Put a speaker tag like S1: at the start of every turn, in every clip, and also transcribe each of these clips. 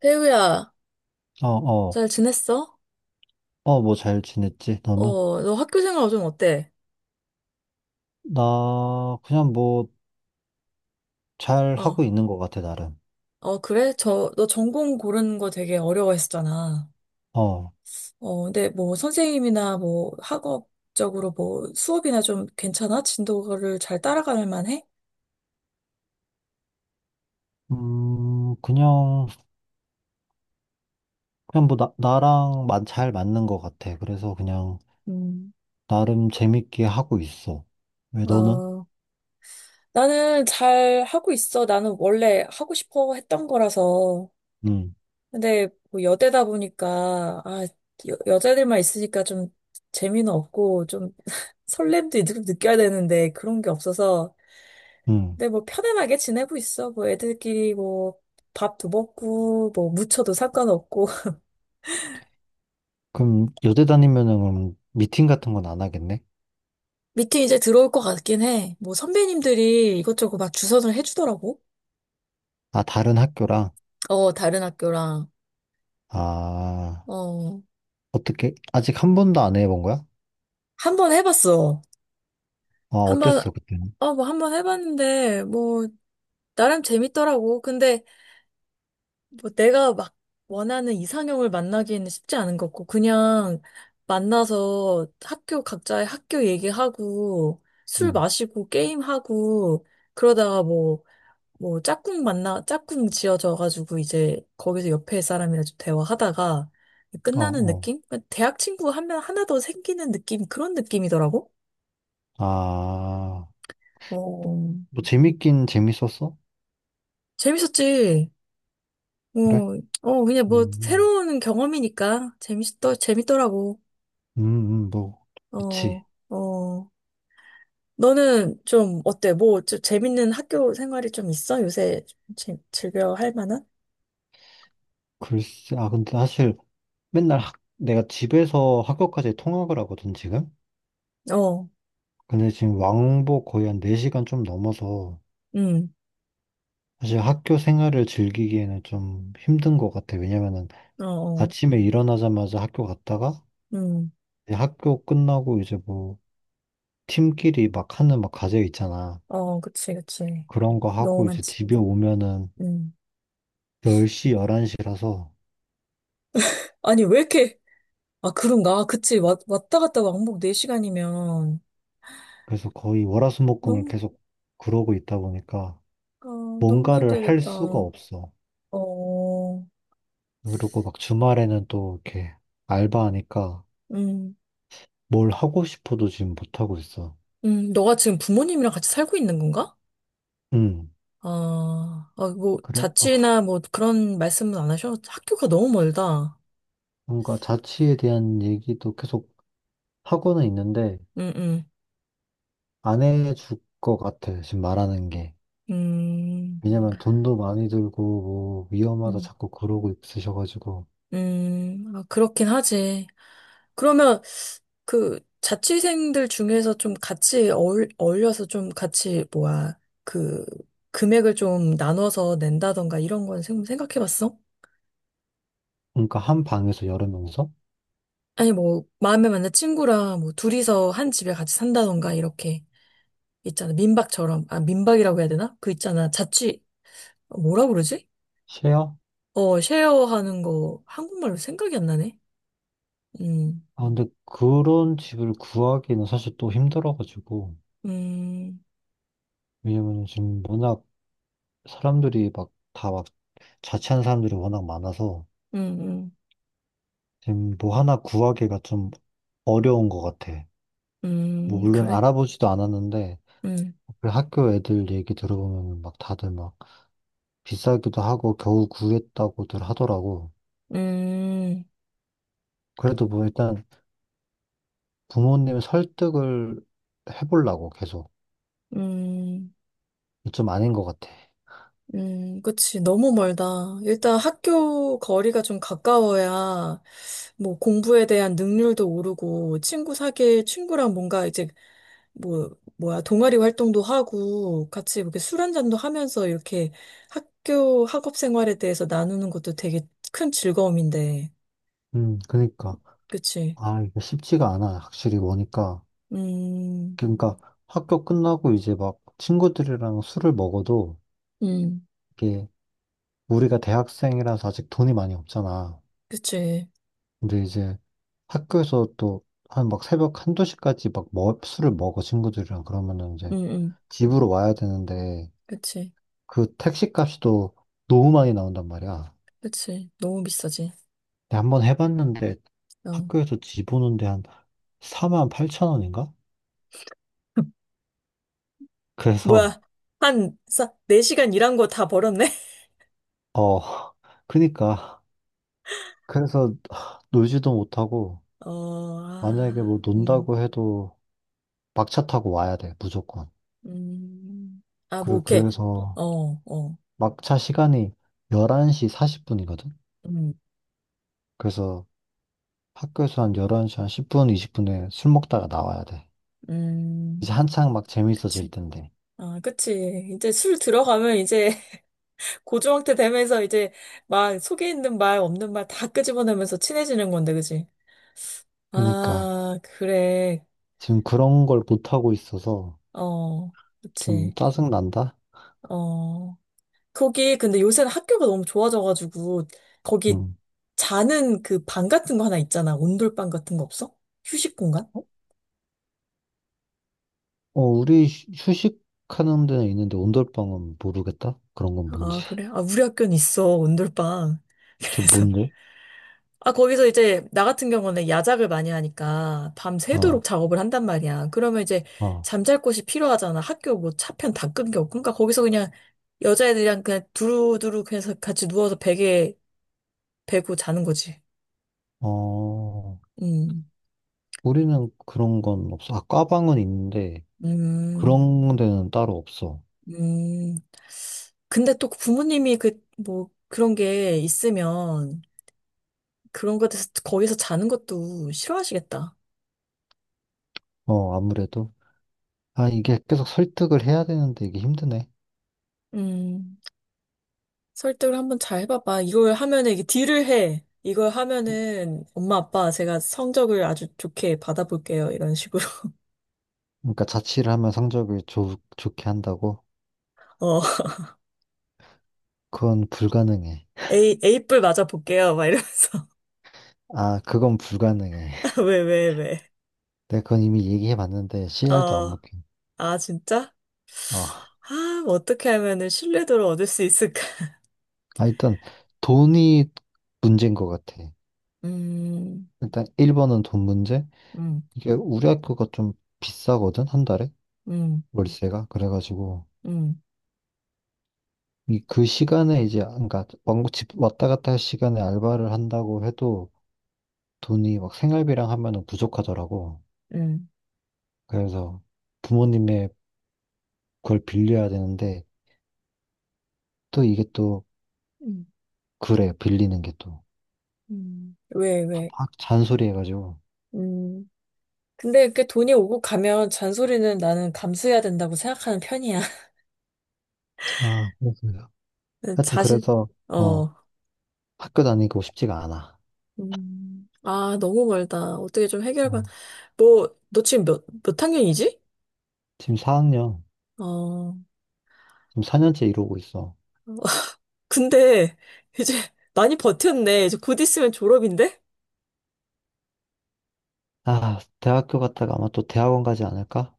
S1: 태우야,
S2: 어, 어,
S1: 잘 지냈어?
S2: 어, 뭐 잘 지냈지, 너는?
S1: 어, 너 학교 생활 요즘 어때?
S2: 나, 그냥 뭐, 잘
S1: 어,
S2: 하고 있는 것 같아, 나름.
S1: 어, 그래? 저, 너 전공 고르는 거 되게 어려워했었잖아.
S2: 어,
S1: 어, 근데 뭐 선생님이나 뭐 학업적으로 뭐 수업이나 좀 괜찮아? 진도를 잘 따라갈 만해?
S2: 음, 그냥, 그냥 뭐, 나랑 잘 맞는 것 같아. 그래서 그냥,
S1: 음,
S2: 나름 재밌게 하고 있어. 왜 너는?
S1: 어, 나는 잘 하고 있어. 나는 원래 하고 싶어 했던 거라서.
S2: 응,
S1: 근데 뭐 여대다 보니까 아 여자들만 있으니까 좀 재미는 없고 좀 설렘도 좀 느껴야 되는데 그런 게 없어서
S2: 응.
S1: 근데 뭐 편안하게 지내고 있어 뭐 애들끼리 뭐 밥도 먹고 뭐 무쳐도 상관없고
S2: 그럼, 여대 다니면은, 그럼 미팅 같은 건 안 하겠네?
S1: 미팅 이제 들어올 것 같긴 해 뭐 선배님들이 이것저것 막 주선을 해주더라고
S2: 아, 다른 학교랑?
S1: 어 다른 학교랑
S2: 아,
S1: 어
S2: 어떻게, 아직 한 번도 안 해본 거야?
S1: 한 번 해봤어
S2: 아,
S1: 한 번
S2: 어땠어, 그때는?
S1: 어 뭐 한 번 해봤는데 뭐 나름 재밌더라고 근데 뭐 내가 막 원하는 이상형을 만나기에는 쉽지 않은 것 같고, 그냥 만나서 학교 각자의 학교 얘기하고, 술
S2: 응,
S1: 마시고, 게임하고, 그러다가 뭐, 뭐 짝꿍 지어져가지고 이제 거기서 옆에 사람이랑 좀 대화하다가
S2: 어,
S1: 끝나는
S2: 어.
S1: 느낌? 대학 친구 한 명 하나 더 생기는 느낌, 그런 느낌이더라고?
S2: 아,
S1: 어,
S2: 뭐 재밌긴 재밌었어?
S1: 재밌었지. 어,
S2: 그래?
S1: 어, 그냥 뭐
S2: 음,
S1: 새로운 경험이니까 재밌더라고.
S2: 음, 뭐, 그치.
S1: 어, 어. 너는 좀 어때? 뭐, 좀 재밌는 학교 생활이 좀 있어? 요새 좀 즐겨 할 만한?
S2: 글쎄, 아, 근데 사실 맨날 내가 집에서 학교까지 통학을 하거든, 지금?
S1: 어,
S2: 근데 지금 왕복 거의 한 4시간 좀 넘어서
S1: 음,
S2: 사실 학교 생활을 즐기기에는 좀 힘든 것 같아. 왜냐면은
S1: 어, 어,
S2: 아침에 일어나자마자 학교 갔다가
S1: 음,
S2: 이제 학교 끝나고 이제 뭐 팀끼리 막 하는 막 과제 있잖아.
S1: 어, 그치, 그치.
S2: 그런 거
S1: 너무
S2: 하고 이제
S1: 많지.
S2: 집에 오면은
S1: 음.
S2: 10시, 11시라서
S1: 아니, 왜 이렇게, 아, 그런가? 그치. 왔다 갔다 왕복 4시간이면
S2: 그래서 거의 월화수목금을
S1: 너무,
S2: 계속 그러고 있다 보니까
S1: 아, 너무
S2: 뭔가를 할 수가
S1: 힘들겠다.
S2: 없어.
S1: 어,
S2: 그리고 막 주말에는 또 이렇게 알바하니까
S1: 음,
S2: 뭘 하고 싶어도 지금 못하고 있어.
S1: 너가 지금 부모님이랑 같이 살고 있는 건가?
S2: 음,
S1: 아, 아, 뭐,
S2: 그래. 아,
S1: 자취나 뭐 그런 말씀은 안 하셔? 학교가 너무 멀다.
S2: 뭔가 자취에 대한 얘기도 계속 하고는 있는데
S1: 응, 응.
S2: 안 해줄 것 같아. 지금 말하는 게.
S1: 음,
S2: 왜냐면 돈도 많이 들고 뭐 위험하다
S1: 음,
S2: 자꾸 그러고 있으셔가지고.
S1: 아, 그렇긴 하지. 그러면 그 자취생들 중에서 좀 같이 어울려서 좀 같이, 뭐야, 그 금액을 좀 나눠서 낸다던가 이런 건 생각해 봤어?
S2: 그러니까 한 방에서 여러 명이서
S1: 아니, 뭐, 마음에 맞는 친구랑 뭐 둘이서 한 집에 같이 산다던가 이렇게 있잖아. 민박처럼. 아, 민박이라고 해야 되나? 그 있잖아. 자취, 뭐라 그러지?
S2: 쉐어?
S1: 어, 쉐어하는 거 한국말로 생각이 안 나네. 음,
S2: 아, 근데 그런 집을 구하기는 사실 또 힘들어가지고.
S1: 음,
S2: 왜냐면 지금 워낙 사람들이 막 다 막 자취한 사람들이 워낙 많아서
S1: 음, 음,
S2: 지금 뭐 하나 구하기가 좀 어려운 것 같아. 뭐 물론
S1: 그래?
S2: 알아보지도 않았는데
S1: 음,
S2: 그 학교 애들 얘기 들어보면 막 다들 막 비싸기도 하고 겨우 구했다고들 하더라고.
S1: 음,
S2: 그래도 뭐 일단 부모님 설득을 해보려고 계속
S1: 음,
S2: 좀 아닌 것 같아.
S1: 그치. 너무 멀다. 일단 학교 거리가 좀 가까워야 뭐 공부에 대한 능률도 오르고 친구 사귈 친구랑 뭔가 이제 뭐 뭐야 동아리 활동도 하고 같이 이렇게 술 한 잔도 하면서 이렇게 학교 학업 생활에 대해서 나누는 것도 되게 큰 즐거움인데.
S2: 그러니까.
S1: 그치?
S2: 아, 이게 쉽지가 않아 확실히 보니까.
S1: 음,
S2: 그러니까 학교 끝나고 이제 막 친구들이랑 술을 먹어도
S1: 음,
S2: 이게 우리가 대학생이라서 아직 돈이 많이 없잖아.
S1: 그치.
S2: 근데 이제 학교에서 또 한 막 새벽 한두 시까지 막 뭐, 술을 먹어 친구들이랑 그러면은 이제
S1: 음, 음,
S2: 집으로 와야 되는데
S1: 그치.
S2: 그 택시 값이도 너무 많이 나온단 말이야.
S1: 그치. 너무 비싸지.
S2: 근데 한번 해봤는데
S1: 어.
S2: 학교에서 집 오는데 한 4만 8천 원인가? 그래서
S1: 뭐야. 한, 싸, 4시간 일한 거 다 벌었네?
S2: 어 그니까. 그래서 하, 놀지도 못하고
S1: 어,
S2: 만약에 뭐
S1: 아,
S2: 논다고 해도 막차 타고 와야 돼 무조건.
S1: 음. 아, 뭐,
S2: 그래,
S1: 이렇게.
S2: 그래서
S1: 어, 어,
S2: 막차 시간이 11시 40분이거든?
S1: 음,
S2: 그래서 학교에서 한 11시 한 10분, 20분에 술 먹다가 나와야 돼. 이제
S1: 음.
S2: 한창 막
S1: 그치.
S2: 재밌어질 텐데.
S1: 아, 그치. 이제 술 들어가면 이제 고주망태 되면서 이제 막 속에 있는 말, 없는 말 다 끄집어내면서 친해지는 건데, 그치?
S2: 그러니까
S1: 아, 그래.
S2: 지금 그런 걸 못하고 있어서
S1: 어,
S2: 좀
S1: 그치.
S2: 짜증난다?
S1: 어, 거기 근데 요새는 학교가 너무 좋아져가지고 거기
S2: 응.
S1: 자는 그 방 같은 거 하나 있잖아. 온돌방 같은 거 없어? 휴식 공간?
S2: 어, 어, 우리 휴식하는 데는 있는데 온돌방은 모르겠다? 그런 건 뭔지.
S1: 아, 그래? 아, 우리 학교는 있어, 온돌방.
S2: 그
S1: 그래서.
S2: 뭔데?
S1: 아, 거기서 이제 나 같은 경우는 야작을 많이 하니까
S2: 어,
S1: 밤새도록 작업을 한단 말이야. 그러면 이제
S2: 어,
S1: 잠잘 곳이 필요하잖아. 학교 뭐 차편 다 끊겨. 그러니까 거기서 그냥 여자애들이랑 그냥 두루두루 그냥 같이 누워서 베개 베고 자는 거지.
S2: 어.
S1: 음.
S2: 우리는 그런 건 없어. 아, 과방은 있는데
S1: 음.
S2: 그런 데는 따로 없어.
S1: 음. 근데 또 부모님이 그, 뭐, 그런 게 있으면 그런 것에서 거기서 자는 것도 싫어하시겠다.
S2: 어, 아무래도. 아, 이게 계속 설득을 해야 되는데 이게 힘드네.
S1: 음. 설득을 한번 잘 해봐봐. 이걸 하면은 이게 딜을 해. 이걸 하면은 엄마 아빠 제가 성적을 아주 좋게 받아볼게요. 이런 식으로.
S2: 그러니까 자취를 하면 성적을 좋게 한다고?
S1: 어.
S2: 그건 불가능해.
S1: A, A뿔 맞아볼게요. 막 이러면서.
S2: 아, 그건 불가능해.
S1: 왜, 왜, 왜.
S2: 내가 그건 이미 얘기해 봤는데 CR도 안
S1: 어.
S2: 먹혀.
S1: 아, 진짜?
S2: 아,
S1: 아, 뭐 어떻게 하면은 신뢰도를 얻을 수 있을까?
S2: 아, 일단 돈이 문제인 것 같아.
S1: 음,
S2: 일단 1번은 돈 문제.
S1: 음,
S2: 이게 우리 학교가 좀 비싸거든, 한 달에?
S1: 음,
S2: 월세가. 그래가지고.
S1: 음,
S2: 이 그 시간에 이제 그러니까 왕복 집 왔다 갔다 할 시간에 알바를 한다고 해도 돈이 막 생활비랑 하면은 부족하더라고.
S1: 음.
S2: 그래서 부모님의 그걸 빌려야 되는데 또 이게 또
S1: 음,
S2: 그래 빌리는 게 또
S1: 왜, 왜.
S2: 막 잔소리 해가지고.
S1: 음. 근데 이렇게 돈이 오고 가면 잔소리는 나는 감수해야 된다고 생각하는 편이야.
S2: 아, 그렇습니다. 하여튼
S1: 자신,
S2: 그래서 어
S1: 어.
S2: 학교 다니고 싶지가 않아.
S1: 음. 아, 너무 멀다. 어떻게 좀
S2: 어,
S1: 해결만. 뭐, 너 지금 몇 학년이지?
S2: 지금 4학년.
S1: 어.
S2: 지금 4년째 이러고 있어.
S1: 근데 이제 많이 버텼네. 이제 곧 있으면 졸업인데?
S2: 아, 대학교 갔다가 아마 또 대학원 가지 않을까?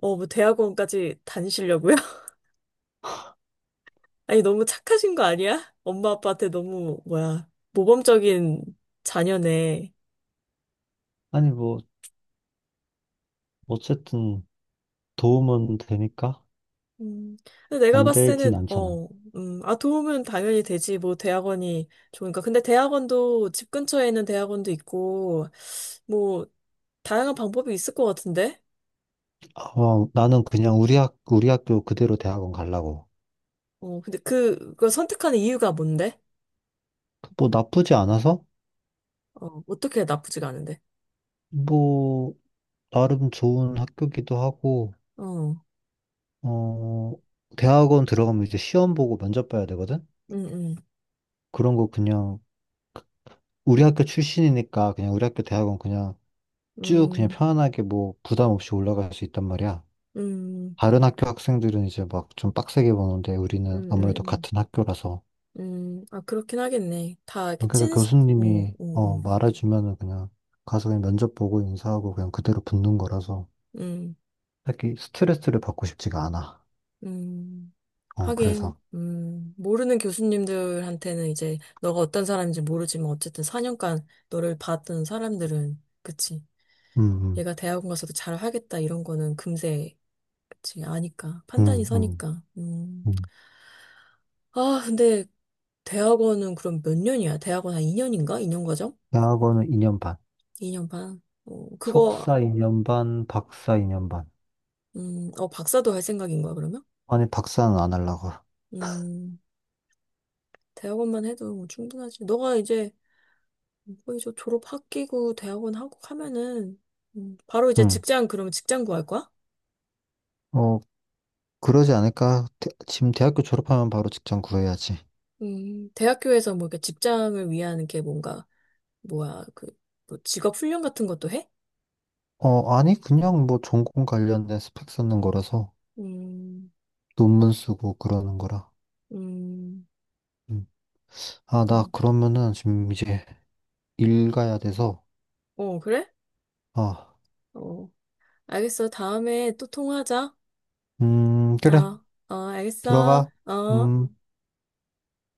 S1: 어, 뭐 대학원까지 다니시려고요? 아니, 너무 착하신 거 아니야? 엄마 아빠한테 너무, 뭐야, 모범적인 자녀네.
S2: 아니, 뭐 어쨌든 도움은 되니까
S1: 음, 근데 내가
S2: 안
S1: 봤을
S2: 되진
S1: 때는,
S2: 않잖아.
S1: 어, 아, 도움은 당연히 되지. 뭐, 대학원이 좋으니까. 근데 대학원도, 집 근처에 있는 대학원도 있고, 뭐, 다양한 방법이 있을 것 같은데?
S2: 어, 나는 그냥 우리 학교 그대로 대학원 가려고.
S1: 어, 근데 그걸 선택하는 이유가 뭔데?
S2: 뭐 나쁘지 않아서
S1: 어, 어떻게 나쁘지가 않은데?
S2: 뭐 나름 좋은 학교기도 하고,
S1: 어,
S2: 어, 대학원 들어가면 이제 시험 보고 면접 봐야 되거든?
S1: 음, 음,
S2: 그런 거 그냥, 우리 학교 출신이니까 그냥 우리 학교 대학원 그냥 쭉 그냥
S1: 음,
S2: 편안하게 뭐 부담 없이 올라갈 수 있단 말이야.
S1: 음,
S2: 다른 학교 학생들은 이제 막 좀 빡세게 보는데 우리는
S1: 음,
S2: 아무래도
S1: 음,
S2: 같은 학교라서.
S1: 아, 그렇긴 하겠네. 다 이렇게
S2: 그래서
S1: 찐, 음,
S2: 교수님이,
S1: 음, 음,
S2: 말해주면은 그냥 가서 그냥 면접 보고 인사하고 그냥 그대로 붙는 거라서
S1: 음,
S2: 딱히 스트레스를 받고 싶지가 않아.
S1: 음.
S2: 어,
S1: 하긴,
S2: 그래서.
S1: 모르는 교수님들한테는 이제 너가 어떤 사람인지 모르지만 어쨌든 4년간 너를 봤던 사람들은, 그치.
S2: 음, 음,
S1: 얘가 대학원 가서도 잘 하겠다 이런 거는 금세, 그치. 아니까. 판단이
S2: 음, 음.
S1: 서니까. 음.
S2: 음.
S1: 아, 근데 대학원은 그럼 몇 년이야? 대학원 한 2년인가? 2년 과정?
S2: 대학원은 2년 반.
S1: 2년 반. 어, 그거,
S2: 석사 2년 반, 박사 2년 반.
S1: 어, 박사도 할 생각인 거야, 그러면?
S2: 아니, 박사는 안 하려고.
S1: 음, 대학원만 해도 충분하지. 너가 이제 거의 저 졸업 학기고 대학원 하고 하면은 바로 이제
S2: 응.
S1: 직장 그러면 직장 구할 거야?
S2: 어, 그러지 않을까? 지금 대학교 졸업하면 바로 직장 구해야지.
S1: 대학교에서 뭐 이렇게 직장을 위한 게 뭔가 뭐야 그뭐 직업 훈련 같은 것도 해?
S2: 어, 아니, 그냥 뭐 전공 관련된 스펙 쓰는 거라서
S1: 음,
S2: 논문 쓰고 그러는 거라.
S1: 음,
S2: 음. 아, 나
S1: 음.
S2: 그러면은 지금 이제 일 가야 돼서.
S1: 어 그래?
S2: 아,
S1: 어 알겠어 다음에 또 통화하자.
S2: 그래.
S1: 어, 어 알겠어.
S2: 들어가.
S1: 어.
S2: 음.